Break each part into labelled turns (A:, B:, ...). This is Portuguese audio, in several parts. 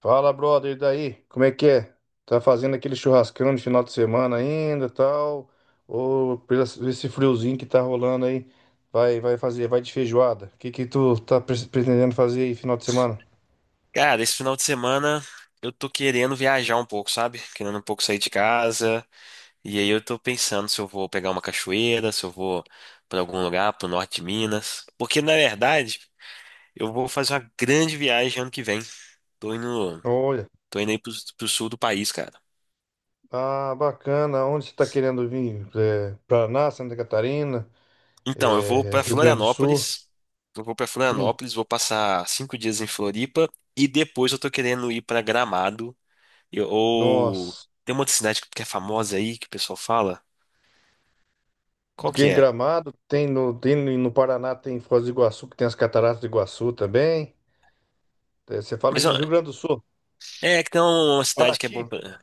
A: Fala, brother, e daí? Como é que é? Tá fazendo aquele churrascão de final de semana ainda, tal? Ou pelo esse friozinho que tá rolando aí, vai fazer, vai de feijoada? O que que tu tá pretendendo fazer aí final de semana?
B: Cara, esse final de semana eu tô querendo viajar um pouco, sabe? Querendo um pouco sair de casa. E aí eu tô pensando se eu vou pegar uma cachoeira, se eu vou pra algum lugar, pro norte de Minas. Porque na verdade, eu vou fazer uma grande viagem ano que vem. Tô indo,
A: Olha,
B: tô indo aí pro sul do país, cara.
A: ah, bacana. Onde você tá querendo vir? É, Paraná, Santa Catarina,
B: Então, eu vou
A: é,
B: pra
A: Rio Grande do Sul?
B: Florianópolis. Eu vou pra
A: Sim.
B: Florianópolis, vou passar 5 dias em Floripa. E depois eu tô querendo ir pra Gramado. Ou
A: Nossa.
B: tem uma outra cidade que é famosa aí que o pessoal fala. Qual que
A: Tem
B: é?
A: Gramado, tem no Paraná, tem Foz do Iguaçu, que tem as Cataratas do Iguaçu também. É, você fala
B: Mas ó,
A: no Rio Grande do Sul.
B: é que tem uma cidade que
A: Paraty?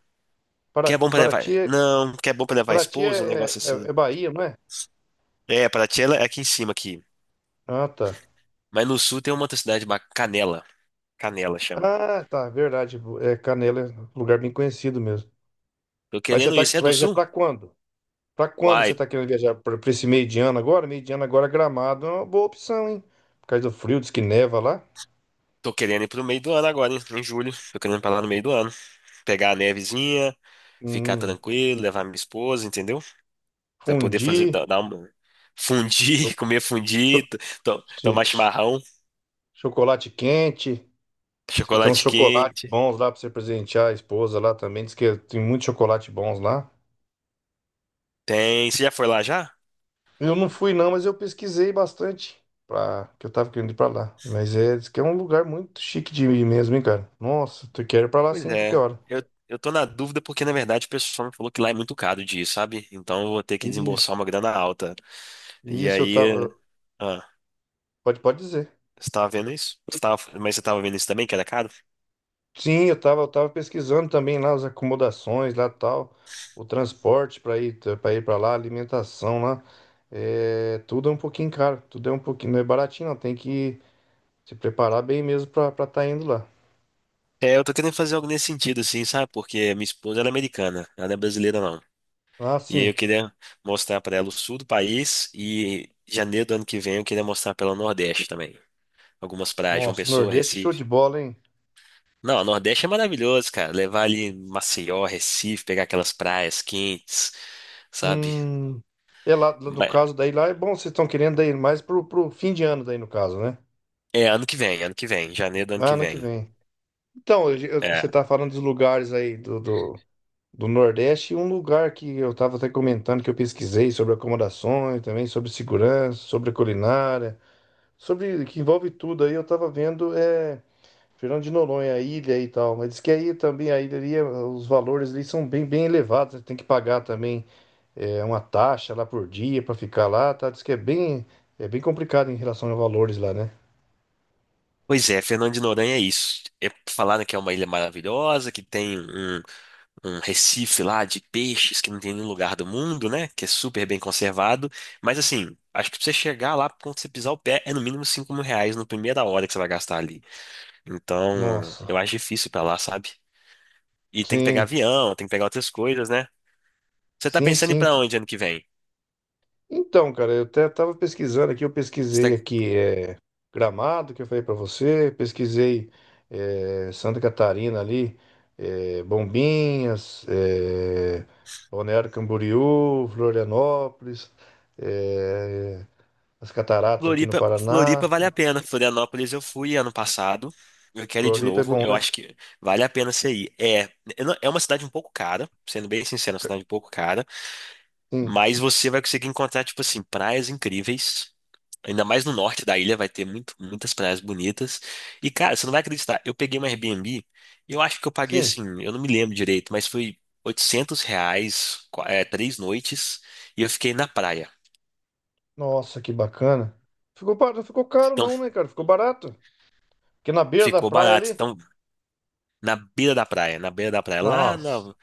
B: que é bom pra levar.
A: Paraty, é-
B: Não, que é bom pra levar a
A: Paraty
B: esposa, um negócio
A: é
B: assim.
A: é Bahia, não é?
B: É, Paraty ela é aqui em cima aqui.
A: Ah, tá.
B: Mas no sul tem uma outra cidade, Canela. Canela chama.
A: Ah, tá, verdade. É, Canela é um lugar bem conhecido mesmo.
B: Tô
A: Mas você
B: querendo
A: tá,
B: ir. Você é do
A: vai viajar
B: sul?
A: para quando? Para quando
B: Uai,
A: você tá querendo viajar? Para esse meio de ano agora? Meio de ano agora, Gramado é uma boa opção, hein? Por causa do frio, diz que neva lá.
B: tô querendo ir pro meio do ano agora, hein? Em julho. Tô querendo ir pra lá no meio do ano. Pegar a nevezinha, ficar
A: Hum,
B: tranquilo, levar minha esposa, entendeu? Pra poder fazer,
A: fundi,
B: dar uma. Fundir,
A: cho-
B: comer
A: cho-
B: fundido,
A: sim,
B: tomar
A: ch-
B: chimarrão,
A: chocolate quente. Diz que tem uns
B: chocolate
A: chocolates
B: quente.
A: bons lá para você presentear a esposa lá também. Diz que tem muitos chocolates bons lá.
B: Tem. Você já foi lá já?
A: Eu não fui não, mas eu pesquisei bastante para que eu tava querendo ir para lá. Mas é, diz que é um lugar muito chique de ir mesmo, hein, cara. Nossa, tu quer ir para lá
B: Pois
A: sim, qualquer
B: é,
A: hora.
B: eu tô na dúvida porque, na verdade, o pessoal me falou que lá é muito caro de ir, sabe? Então eu vou ter que
A: Isso,
B: desembolsar uma grana alta. E
A: isso eu
B: aí,
A: tava,
B: ah,
A: pode dizer.
B: você tava vendo isso? Você tava, mas você tava vendo isso também, que era caro?
A: Sim, eu tava pesquisando também lá as acomodações lá tal, o transporte para ir para lá, alimentação lá. É, tudo é um pouquinho caro, tudo é um pouquinho, não é baratinho, não, tem que se preparar bem mesmo para estar indo lá.
B: É, eu tô querendo fazer algo nesse sentido, assim, sabe? Porque minha esposa, ela é americana, ela não é brasileira, não.
A: Ah,
B: E aí eu
A: sim.
B: queria mostrar pra ela o sul do país e janeiro do ano que vem eu queria mostrar pra ela o Nordeste também. Algumas praias, João
A: Nossa,
B: Pessoa,
A: Nordeste é show
B: Recife.
A: de bola, hein?
B: Não, o Nordeste é maravilhoso, cara. Levar ali Maceió, Recife, pegar aquelas praias quentes. Sabe?
A: Hum, é lá no
B: Mas-
A: caso daí lá é bom, vocês estão querendo daí mais pro fim de ano daí no caso, né?
B: É ano que vem, janeiro do ano
A: Ah,
B: que
A: ano que
B: vem.
A: vem. Então, você
B: É.
A: tá falando dos lugares aí do, do Nordeste, e um lugar que eu tava até comentando que eu pesquisei sobre acomodações, também sobre segurança, sobre culinária, sobre que envolve tudo aí, eu tava vendo é Fernando de Noronha, a ilha e tal, mas diz que aí também a ilha ali, os valores ali são bem bem elevados, tem que pagar também é uma taxa lá por dia para ficar lá, tá? Diz que é bem complicado em relação a valores lá, né?
B: Pois é, Fernando de Noronha é isso. É, falaram que é uma ilha maravilhosa, que um recife lá de peixes que não tem em nenhum lugar do mundo, né? Que é super bem conservado. Mas assim, acho que pra você chegar lá, quando você pisar o pé, é no mínimo R$ 5.000 na primeira hora que você vai gastar ali. Então,
A: Nossa,
B: eu acho difícil ir pra lá, sabe? E tem que pegar
A: sim,
B: avião, tem que pegar outras coisas, né? Você tá
A: sim,
B: pensando em ir
A: sim.
B: pra onde ano que vem?
A: Então, cara, eu até tava pesquisando aqui, eu pesquisei aqui é, Gramado, que eu falei pra você, pesquisei é, Santa Catarina ali, é, Bombinhas, é, Balneário Camboriú, Florianópolis, é, as Cataratas aqui no
B: Floripa, Floripa
A: Paraná,
B: vale a pena. Florianópolis eu fui ano passado. Eu quero ir de
A: Floripa é
B: novo.
A: bom,
B: Eu
A: né?
B: acho que vale a pena você ir. É, eu não- é uma cidade um pouco cara, sendo bem sincero, é uma
A: Ca-
B: cidade um pouco cara,
A: Sim,
B: mas você vai conseguir encontrar, tipo assim, praias incríveis. Ainda mais no norte da ilha vai ter muitas praias bonitas. E, cara, você não vai acreditar. Eu peguei uma Airbnb, eu acho que eu paguei
A: sim.
B: assim, eu não me lembro direito, mas foi R$ 800, é, 3 noites, e eu fiquei na praia.
A: Nossa, que bacana. Ficou, não ficou caro
B: Então,
A: não, né, cara? Ficou barato. Porque na beira da
B: ficou
A: praia
B: barato.
A: ali.
B: Então, na beira da praia, na beira da praia,
A: Nossa.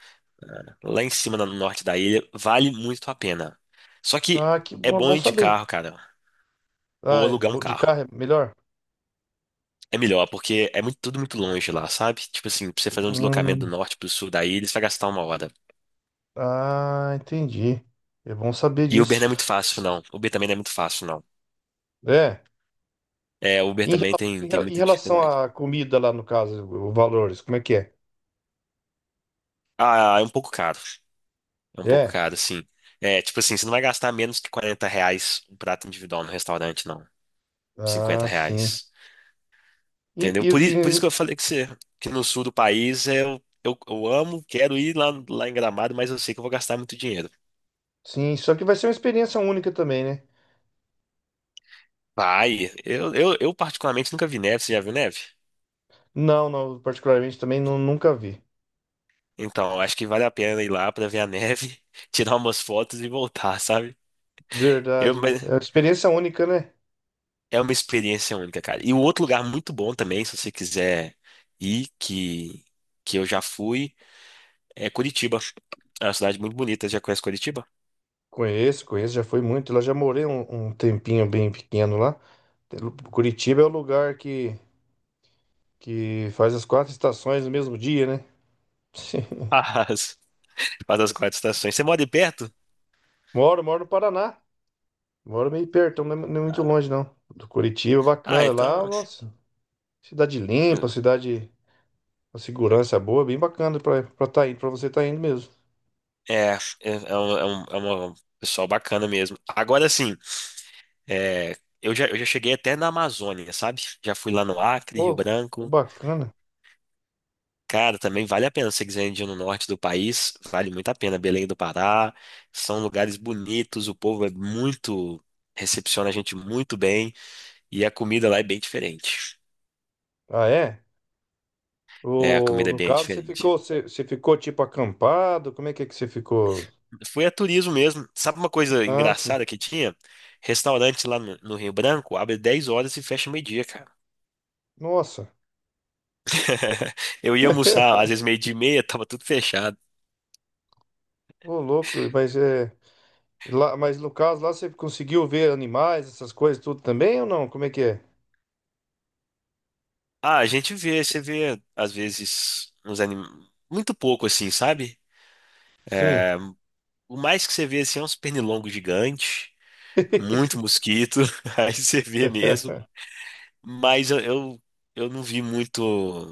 B: lá em cima, no norte da ilha, vale muito a pena. Só que
A: Ah, que
B: é
A: bom,
B: bom
A: bom
B: ir de
A: saber.
B: carro, cara, ou
A: Ah,
B: alugar um
A: de
B: carro.
A: carro é melhor?
B: É melhor, porque é tudo muito longe lá, sabe? Tipo assim, pra você fazer um deslocamento
A: Hum,
B: do norte pro sul da ilha, você vai gastar uma hora.
A: ah, entendi. É bom saber
B: E Uber não é
A: disso.
B: muito fácil, não. Uber também não é muito fácil, não.
A: É.
B: É, Uber também tem
A: Em
B: muita
A: relação
B: dificuldade.
A: à comida lá, no caso, o valores, como é que é?
B: Ah, é um pouco caro. É um pouco
A: É.
B: caro, sim. É, tipo assim, você não vai gastar menos que R$ 40 um prato individual no restaurante, não. 50
A: Ah, sim.
B: reais.
A: E,
B: Entendeu?
A: e-
B: Por isso
A: e-
B: que eu falei que você, que no sul do país eu amo, quero ir lá, lá em Gramado, mas eu sei que eu vou gastar muito dinheiro.
A: sim, só que vai ser uma experiência única também, né?
B: Vai, eu particularmente nunca vi neve, você já viu neve?
A: Não, não, particularmente também nunca vi.
B: Então, eu acho que vale a pena ir lá pra ver a neve, tirar umas fotos e voltar, sabe? Eu,
A: Verdade.
B: mas
A: É uma experiência única, né?
B: é uma experiência única, cara. E um outro lugar muito bom também, se você quiser ir, que eu já fui, é Curitiba. É uma cidade muito bonita, já conhece Curitiba?
A: Conheço, conheço, já fui muito. Lá já morei um tempinho bem pequeno lá. Curitiba é o lugar que faz as quatro estações no mesmo dia, né?
B: Faz, Faz as quatro estações. Você mora aí perto?
A: Moro, moro no Paraná. Moro meio perto, não é muito longe, não. Do Curitiba,
B: Ah,
A: bacana.
B: então.
A: Lá, nossa, cidade limpa, cidade com segurança boa, bem bacana pra tá indo, pra você tá indo mesmo.
B: É, é, é, é um, é um- é uma- Pessoal bacana mesmo. Agora sim, é, eu já cheguei até na Amazônia, sabe? Já fui lá no Acre, Rio
A: Ô,
B: Branco.
A: bacana.
B: Cara, também vale a pena. Se você quiser ir no norte do país, vale muito a pena. Belém do Pará, são lugares bonitos, o povo é muito. Recepciona a gente muito bem e a comida lá é bem diferente.
A: Ah, é?
B: É, a
A: O,
B: comida é
A: no
B: bem
A: caso,
B: diferente.
A: você ficou tipo acampado? Como é que você ficou?
B: Foi a turismo mesmo. Sabe uma coisa
A: Ah, sim.
B: engraçada que tinha? Restaurante lá no Rio Branco abre 10 horas e fecha meio-dia, cara.
A: Nossa.
B: Eu ia almoçar, às vezes meio-dia e meia, tava tudo fechado.
A: Ô, louco, mas é. Lá, mas no caso lá você conseguiu ver animais, essas coisas tudo também ou não? Como é que é?
B: Ah, a gente vê, você vê, às vezes, uns animais muito pouco assim, sabe?
A: Sim.
B: O mais que você vê assim é uns pernilongos gigantes, muito mosquito, aí você vê mesmo. Mas eu não vi muito.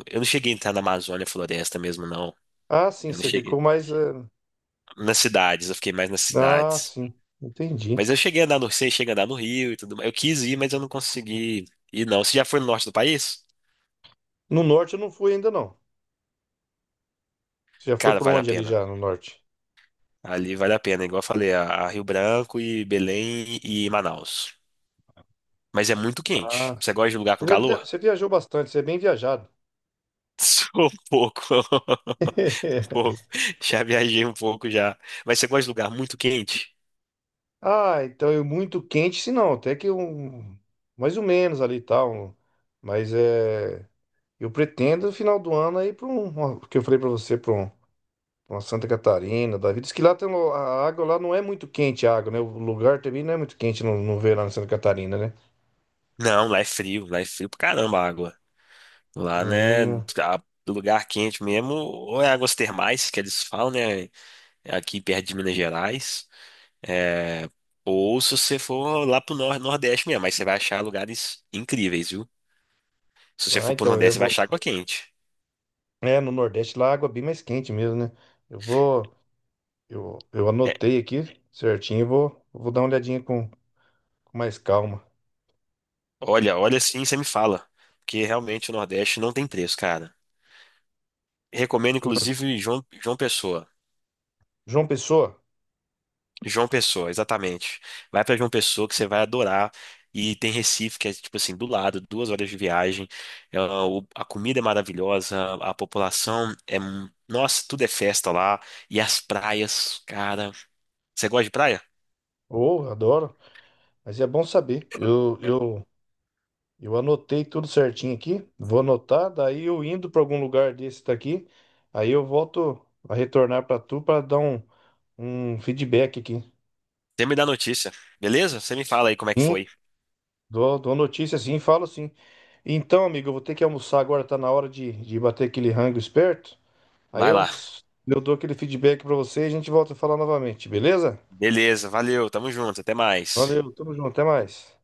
B: Eu não cheguei a entrar na Amazônia Floresta mesmo, não.
A: Ah, sim,
B: Eu não
A: você ficou
B: cheguei.
A: mais.
B: Nas cidades, eu fiquei mais nas
A: Ah,
B: cidades.
A: sim, entendi.
B: Mas eu cheguei a andar no, sei, cheguei a andar no Rio e tudo mais. Eu quis ir, mas eu não consegui ir, não. Você já foi no norte do país?
A: No norte eu não fui ainda não. Você já foi
B: Cara,
A: por
B: vale a
A: onde ali
B: pena.
A: já no norte?
B: Ali vale a pena, igual eu falei, a Rio Branco e Belém e Manaus. Mas é muito quente.
A: Ah,
B: Você gosta de lugar com calor?
A: você viajou bastante, você é bem viajado.
B: Sou um pouco. Um pouco. Já viajei um pouco já. Mas você gosta de lugar muito quente?
A: Ah, então é muito quente, se não, até que um mais ou menos ali e tal. Mas é, eu pretendo no final do ano aí para um, porque eu falei para você, para um uma Santa Catarina, da vida. Diz que lá tem, a água lá não é muito quente, a água, né? O lugar também não é muito quente no verão em Santa Catarina, né?
B: Não, lá é frio pra caramba a água. Lá,
A: Ah,
B: né,
A: não-
B: a- lugar quente mesmo, ou é águas termais, que eles falam, né, aqui perto de Minas Gerais. É, ou se você for lá pro nor Nordeste mesmo, mas você vai achar lugares incríveis, viu? Se você
A: ah,
B: for pro
A: então
B: Nordeste,
A: eu
B: você vai
A: vou.
B: achar água quente.
A: É, no Nordeste lá a água é bem mais quente mesmo, né? Eu vou. Eu
B: É,
A: anotei aqui certinho, eu vou, vou dar uma olhadinha com mais calma.
B: olha, olha assim, você me fala. Porque realmente o Nordeste não tem preço, cara. Recomendo, inclusive, João Pessoa.
A: João Pessoa,
B: João Pessoa, exatamente. Vai pra João Pessoa que você vai adorar. E tem Recife, que é tipo assim, do lado, 2 horas de viagem. A comida é maravilhosa, a população é. Mu- Nossa, tudo é festa lá. E as praias, cara. Você gosta de praia?
A: oh, adoro, mas é bom saber. Eu anotei tudo certinho aqui, vou anotar, daí eu indo para algum lugar desse daqui, aí eu volto a retornar para tu para dar um um feedback aqui.
B: Você me dá notícia, beleza? Você me fala aí como é que
A: Sim,
B: foi.
A: dou, dou notícia sim, falo sim. Então, amigo, eu vou ter que almoçar agora, tá na hora de bater aquele rango esperto. Aí
B: Vai lá.
A: eu dou aquele feedback pra você e a gente volta a falar novamente, beleza?
B: Beleza, valeu, tamo junto, até mais.
A: Valeu, tamo junto, até mais.